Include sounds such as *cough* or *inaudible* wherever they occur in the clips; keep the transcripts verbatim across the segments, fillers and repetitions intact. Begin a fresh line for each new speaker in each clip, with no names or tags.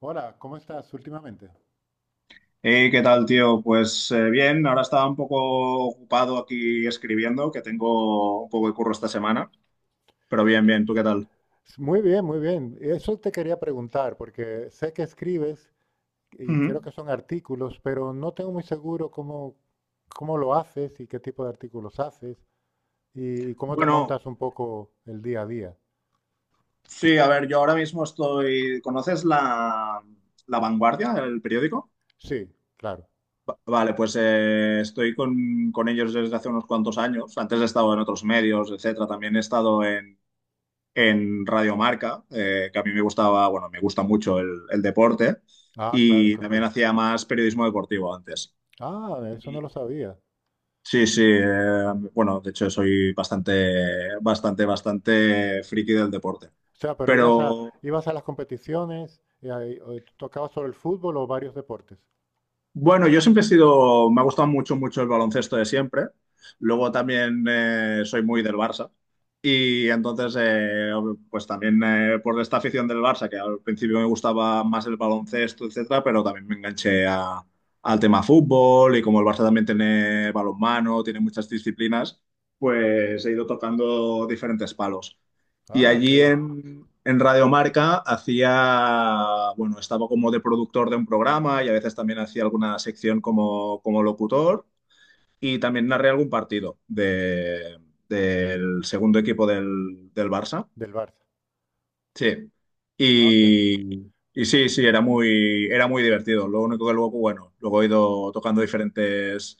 Hola, ¿cómo estás últimamente?
Hey, ¿qué tal, tío? Pues eh, bien, ahora estaba un poco ocupado aquí escribiendo, que tengo un poco de curro esta semana, pero bien, bien, ¿tú qué tal?
Muy bien, muy bien. Eso te quería preguntar, porque sé que escribes y creo
Ujú.
que son artículos, pero no tengo muy seguro cómo, cómo lo haces y qué tipo de artículos haces y cómo te
Bueno,
montas un poco el día a día.
sí, a ver, yo ahora mismo estoy... ¿Conoces la, La Vanguardia, el periódico?
Sí, claro.
Va- Vale, pues eh, estoy con, con ellos desde hace unos cuantos años. Antes he estado en otros medios, etcétera. También he estado en, en Radiomarca, eh, que a mí me gustaba, bueno, me gusta mucho el, el deporte
Ah, claro,
y también
entonces.
hacía más periodismo deportivo antes.
Ah, eso no lo
Y
sabía. O
sí, sí, eh, bueno, de hecho soy bastante, bastante, bastante friki del deporte.
sea, pero ibas a,
Pero
ibas a las competiciones y ahí, o tocabas sobre el fútbol o varios deportes.
bueno, yo siempre he sido, me ha gustado mucho, mucho el baloncesto de siempre. Luego también eh, soy muy del Barça. Y entonces, eh, pues también eh, por esta afición del Barça, que al principio me gustaba más el baloncesto, etcétera, pero también me enganché a- al tema fútbol, y como el Barça también tiene balonmano, tiene muchas disciplinas, pues he ido tocando diferentes palos. Y
Ah, qué
allí
bueno.
en, en Radio Marca hacía, bueno, estaba como de productor de un programa, y a veces también hacía alguna sección como, como locutor. Y también narré algún partido de, del segundo equipo del, del Barça.
Del Barça.
Sí.
Ah, qué,
Y, y sí, sí, era muy, era muy divertido. Lo único que luego, bueno, luego he ido tocando diferentes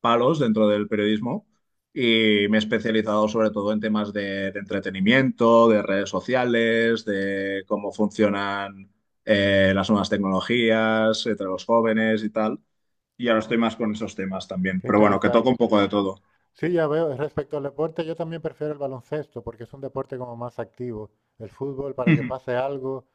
palos dentro del periodismo, y me he especializado sobre todo en temas de, de entretenimiento, de redes sociales, de cómo funcionan eh, las nuevas tecnologías entre los jóvenes y tal. Y ahora
ah,
estoy
qué
más con esos temas también.
qué
Pero bueno, que
interesante.
toco un poco de todo.
Sí, ya veo. Respecto al deporte, yo también prefiero el baloncesto porque es un deporte como más activo. El fútbol, para que
Ujú.
pase algo,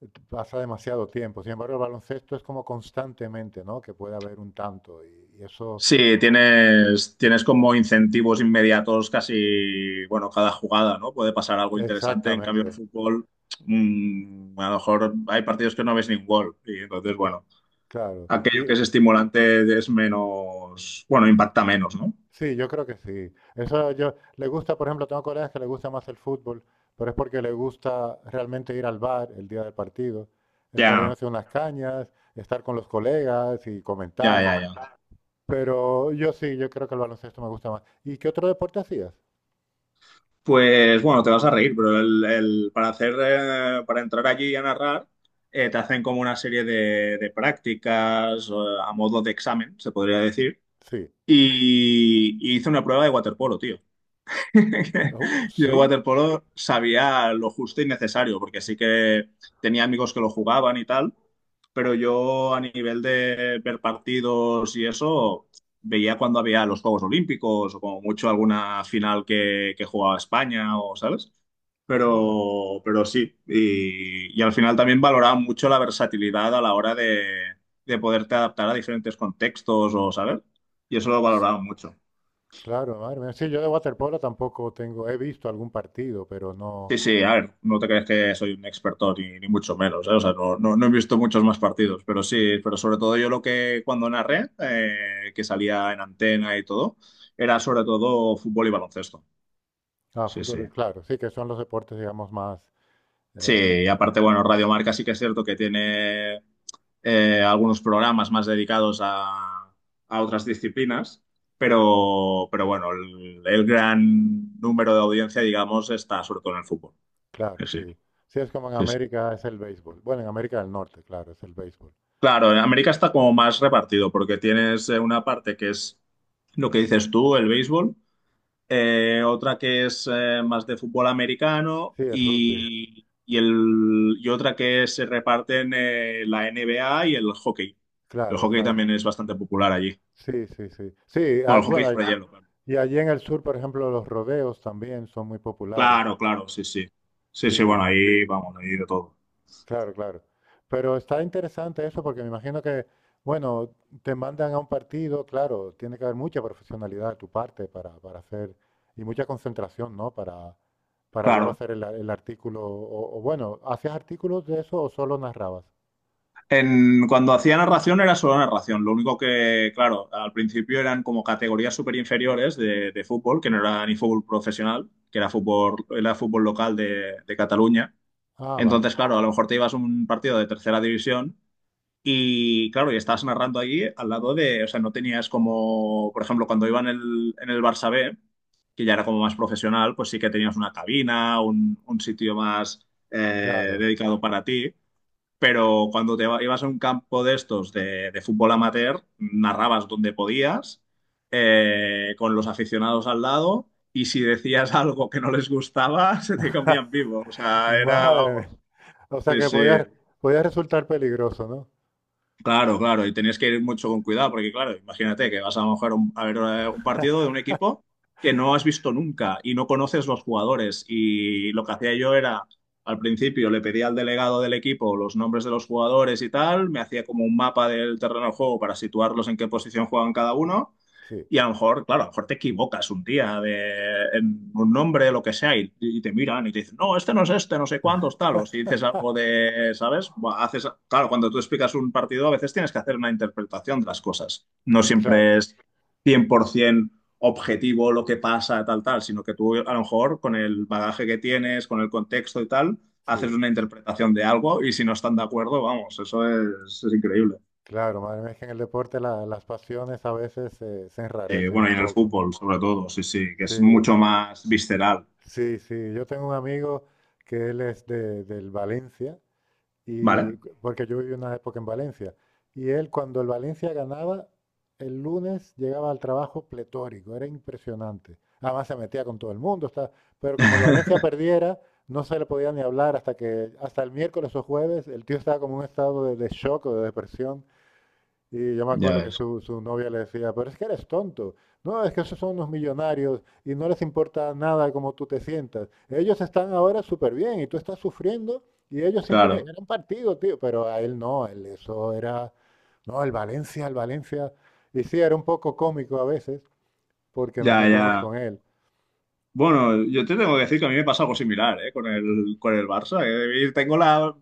eh, t- pasa demasiado tiempo. Sin embargo, el baloncesto es como constantemente, ¿no? Que puede haber un tanto y, y eso,
Sí, tienes, tienes como incentivos inmediatos casi, bueno, cada jugada, ¿no? Puede pasar algo interesante. En cambio, en
exactamente,
fútbol, mm, a lo mejor hay partidos que no ves ni un gol. Y entonces, bueno,
claro.
aquello
Y
que es estimulante es menos, bueno, impacta menos, ¿no?
sí, yo creo que sí. Eso yo le gusta, por ejemplo, tengo colegas que le gusta más el fútbol, pero es porque le gusta realmente ir al bar el día del partido, estar
Ya,
bebiéndose unas cañas, estar con los colegas y
ya,
comentar.
ya, ya.
Pero yo sí, yo creo que el baloncesto me gusta más. ¿Y qué otro deporte hacías?
Pues bueno, te vas a reír, pero el, el- para hacer, eh, para entrar allí a narrar, eh, te hacen como una serie de, de prácticas, eh, a modo de examen, se podría decir,
Sí.
y, y hice una prueba de waterpolo, tío. *laughs*
Uh,
Yo
¿sí?
waterpolo sabía lo justo y necesario, porque sí que tenía amigos que lo jugaban y tal, pero yo a nivel de ver partidos y eso, veía cuando había los Juegos Olímpicos o como mucho alguna final que, que jugaba España o, ¿sabes?
Ah,
Pero, pero sí, y, y al final también valoraba mucho la versatilidad a la hora de, de poderte adaptar a diferentes contextos o, ¿sabes? Y eso lo
s-
valoraba mucho.
claro, madre mía. Sí, yo de waterpolo tampoco tengo, he visto algún partido, pero no.
Sí, sí, a ver, no te crees que soy un experto ni, ni mucho menos, ¿eh? O sea, no, no, no he visto muchos más partidos, pero sí, pero sobre todo yo lo que cuando narré, eh, que salía en antena y todo, era sobre todo fútbol y baloncesto.
Ah,
Sí, sí.
fútbol, claro, sí, que son los deportes, digamos, más.
Sí,
eh,
y aparte, bueno, Radio Marca sí que es cierto que tiene eh, algunos programas más dedicados a, a otras disciplinas, pero, pero bueno, el, el gran número de audiencia, digamos, está sobre todo en el fútbol. Sí,
claro,
sí,
sí. Sí, es como en
sí. Sí.
América es el béisbol. Bueno, en América del Norte, claro, es el béisbol.
Claro, en América está como más repartido porque tienes eh, una parte que es lo que dices tú, el béisbol, eh, otra que es eh, más de fútbol americano,
Sí, el rugby.
y, y el, y otra que se reparten eh, la N B A y el hockey. El
Claro,
hockey
claro.
también es bastante popular allí.
Sí, sí, sí. Sí, ah,
Bueno, el hockey
bueno, hay-
sobre hielo, claro.
y allí en el sur, por ejemplo, los rodeos también son muy populares.
Claro, claro, sí, sí. Sí, sí,
Sí.
bueno, ahí vamos, ahí de todo.
Claro, claro. Pero está interesante eso porque me imagino que, bueno, te mandan a un partido, claro, tiene que haber mucha profesionalidad de tu parte para, para hacer y mucha concentración, ¿no? Para, para luego
Claro.
hacer el, a- el artículo. O, o bueno, ¿hacías artículos de eso o solo narrabas?
En, cuando hacía narración era solo narración. Lo único que, claro, al principio eran como categorías súper inferiores de, de fútbol, que no era ni fútbol profesional, que era fútbol, era fútbol local de, de Cataluña.
Ah, vale,
Entonces, claro, a lo mejor te ibas a un partido de tercera división, y, claro, y estás narrando allí al lado de, o sea, no tenías como, por ejemplo, cuando iba en el, en el Barça B, que ya era como más profesional, pues sí que tenías una cabina, un, un sitio más eh,
claro.
dedicado para ti, pero cuando te iba- ibas a un campo de estos de, de fútbol amateur, narrabas donde podías, eh, con los aficionados al lado, y si decías *laughs* algo que no les gustaba, *laughs* se te comían
*laughs*
vivo. O sea, era,
Madre
vamos,
mía. O sea
sí,
que
sí.
podía, podía resultar peligroso, ¿no?
Claro, claro, y tenías que ir mucho con cuidado, porque claro, imagínate que vas a lo mejor un- a ver eh, un partido de un equipo que no has visto nunca y no conoces los jugadores. Y lo que hacía yo era, al principio le pedía al delegado del equipo los nombres de los jugadores y tal, me hacía como un mapa del terreno de juego para situarlos en qué posición juegan cada uno,
Sí.
y a lo mejor, claro, a lo mejor te equivocas un día de, en un nombre, lo que sea, y, y te miran y te dicen, no, este no es este, no sé cuántos, tal. O si dices algo
*laughs*
de, ¿sabes? Buah, haces, claro, cuando tú explicas un partido, a veces tienes que hacer una interpretación de las cosas. No
Claro,
siempre es cien por ciento objetivo lo que pasa, tal, tal, sino que tú, a lo mejor, con el bagaje que tienes, con el contexto y tal, haces
sí,
una interpretación de algo, y si no están de acuerdo, vamos, eso es, es increíble.
claro, madre mía, es que en el deporte la- las pasiones a veces eh, se
Sí,
enrarecen
bueno,
un
y en el
poco.
fútbol, sobre todo, sí, sí, que es
Sí,
mucho más visceral,
sí, sí. Yo tengo un amigo que él es de, del Valencia, y,
¿vale?
porque yo viví una época en Valencia. Y él, cuando el Valencia ganaba, el lunes llegaba al trabajo pletórico, era impresionante. Además se metía con todo el mundo, está- pero como el Valencia
*laughs*
perdiera, no se le podía ni hablar hasta que, hasta el miércoles o jueves, el tío estaba como en un estado de, de shock o de depresión. Y yo me
Ya
acuerdo que
ves,
su, su novia le decía, pero es que eres tonto. No, es que esos son unos millonarios y no les importa nada cómo tú te sientas. Ellos están ahora súper bien y tú estás sufriendo y ellos simplemente
claro,
eran partido, tío. Pero a él no, él eso era, no, el Valencia, el Valencia. Y sí, era un poco cómico a veces porque nos
ya,
metíamos
ya.
con él.
Bueno, yo te tengo que decir que a mí me pasa algo similar, ¿eh? Con el, con el Barça. Que tengo la,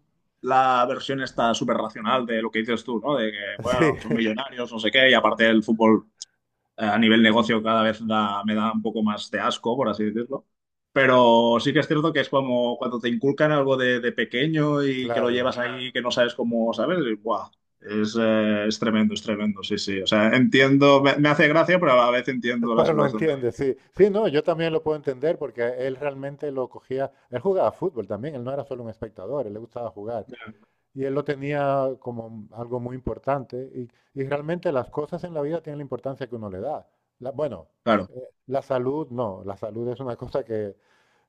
la versión esta súper racional de lo que dices tú, ¿no? De que,
*laughs*
bueno,
Sí,
son
*laughs*
millonarios, no sé qué, y aparte el fútbol eh, a nivel negocio cada vez da- me da un poco más de asco, por así decirlo. Pero sí que es cierto que es como cuando te inculcan algo de, de pequeño y que lo
claro.
llevas ahí, que no sabes cómo, ¿sabes? Y ¡buah! Es, eh, es tremendo, es tremendo, sí, sí. O sea, entiendo, me, me hace gracia, pero a la vez entiendo la
Pero lo
situación de...
entiende, sí. Sí, no, yo también lo puedo entender porque él realmente lo cogía, él jugaba fútbol también, él no era solo un espectador, él le gustaba jugar. Y él lo tenía como algo muy importante. Y, y realmente las cosas en la vida tienen la importancia que uno le da. La- bueno,
Claro,
eh, la salud no, la salud es una *laughs* cosa que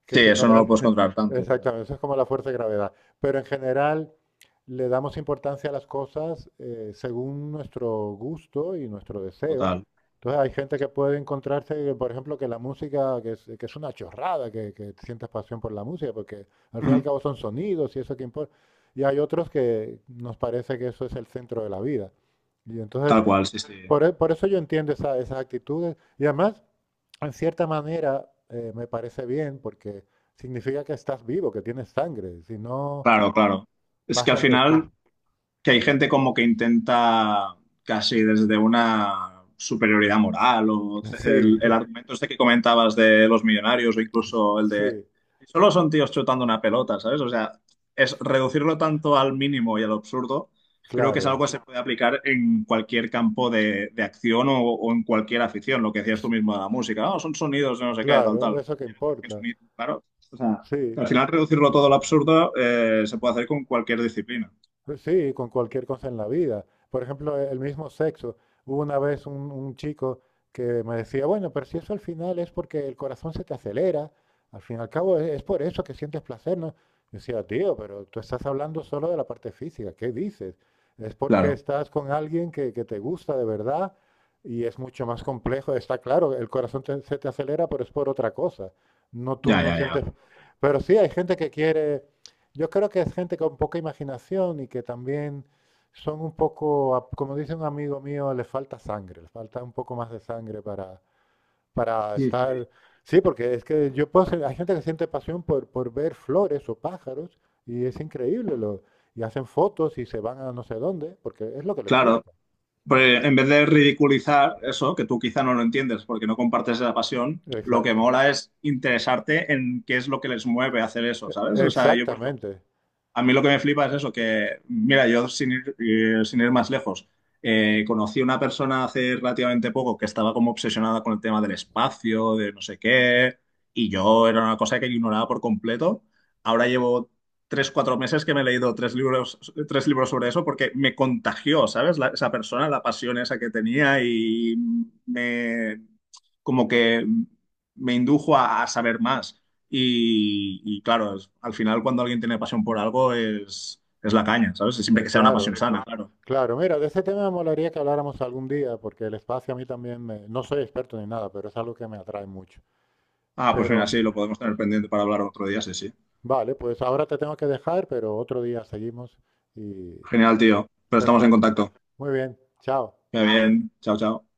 que
sí,
si no
eso
le
no lo
das-
puedes
*laughs*
controlar tanto, pero
Exactamente, eso es como la fuerza de gravedad. Pero en general le damos importancia a las cosas eh, según nuestro gusto y nuestro deseo.
total.
Entonces hay gente que puede encontrarse, que, por ejemplo, que la música, que es, que es una chorrada, que, que sientas pasión por la música, porque al fin y al
Ujú.
cabo son sonidos y eso que importa. Y hay otros que nos parece que eso es el centro de la vida. Y entonces,
Tal cual, sí, sí.
por, e- por eso yo entiendo esa- esas actitudes. Y además, en cierta manera, eh, me parece bien porque significa que estás vivo, que tienes sangre. Si no,
Claro, claro. Es que al
pasas de
final...
todo.
que hay gente como que intenta casi desde una superioridad moral o ce-
*laughs* Sí,
el, el argumento este que comentabas de los millonarios, o incluso
*laughs*
el de
sí,
solo son tíos chutando una pelota, ¿sabes? O sea, es reducirlo tanto al mínimo y al absurdo, creo que es
claro,
algo que se puede aplicar en cualquier campo de, de acción, o, o en cualquier afición, lo que decías tú mismo de la música, "Ah, son sonidos de no sé qué, tal,
claro,
tal.
eso que
¿Qué
importa.
sonido?" Claro, o sea,
Sí,
al final reducirlo todo al absurdo eh, se puede hacer con cualquier disciplina.
pues sí, con cualquier cosa en la vida. Por ejemplo, e, el mismo sexo. Hubo una vez un, un chico que me decía, bueno, pero si eso al final es porque el corazón se te acelera, al fin y al cabo es, es por eso que sientes placer, ¿no? Yo decía, tío, pero tú estás hablando solo de la parte física, ¿qué dices? Es porque estás con alguien que, que te gusta de verdad y es mucho más complejo. Está claro, el corazón te- se te acelera, pero es por otra cosa. No, tú
Ya,
no
ya, ya.
sientes... Pero sí, hay gente que quiere yo creo que es gente con poca imaginación y que también son un poco, a- como dice un amigo mío, les falta sangre, les falta un poco más de sangre para, para
Sí,
estar...
sí.
Sí, porque es que yo puedo ser- hay gente que siente pasión por, por ver flores o pájaros y es increíble. Lo, y hacen fotos y se van a no sé dónde porque es lo que les
Claro,
gusta.
pues en vez de ridiculizar eso, que tú quizá no lo entiendes porque no compartes esa pasión, lo que
Exacto.
mola es interesarte en qué es lo que les mueve a hacer eso, ¿sabes? O sea, yo, por...
Exactamente.
A mí lo que me flipa es eso, que, mira, yo sin ir, eh, sin ir más lejos, eh, conocí a una persona hace relativamente poco que estaba como obsesionada con el tema del espacio, de no sé qué, y yo era una cosa que ignoraba por completo. Ahora llevo tres, cuatro meses que me he leído tres libros, tres libros sobre eso porque me contagió, ¿sabes? La- esa persona, la pasión esa que tenía, y me, como que me indujo a, a saber más. Y, y claro, es- al final cuando alguien tiene pasión por algo es, es la caña, ¿sabes? Siempre
Eh,
que sea una
claro.
pasión sana, claro.
Claro, mira, de ese tema me molaría que habláramos algún día, porque el espacio a mí también me- no soy experto ni nada, pero es algo que me atrae mucho.
Ah, pues mira,
Pero
sí, lo podemos tener pendiente para hablar otro día, sí, sí.
vale, pues ahora te tengo que dejar, pero otro día seguimos y
Genial, tío. Pero estamos en
perfecto.
contacto.
Muy bien, chao.
Que vaya bien. Chao, chao.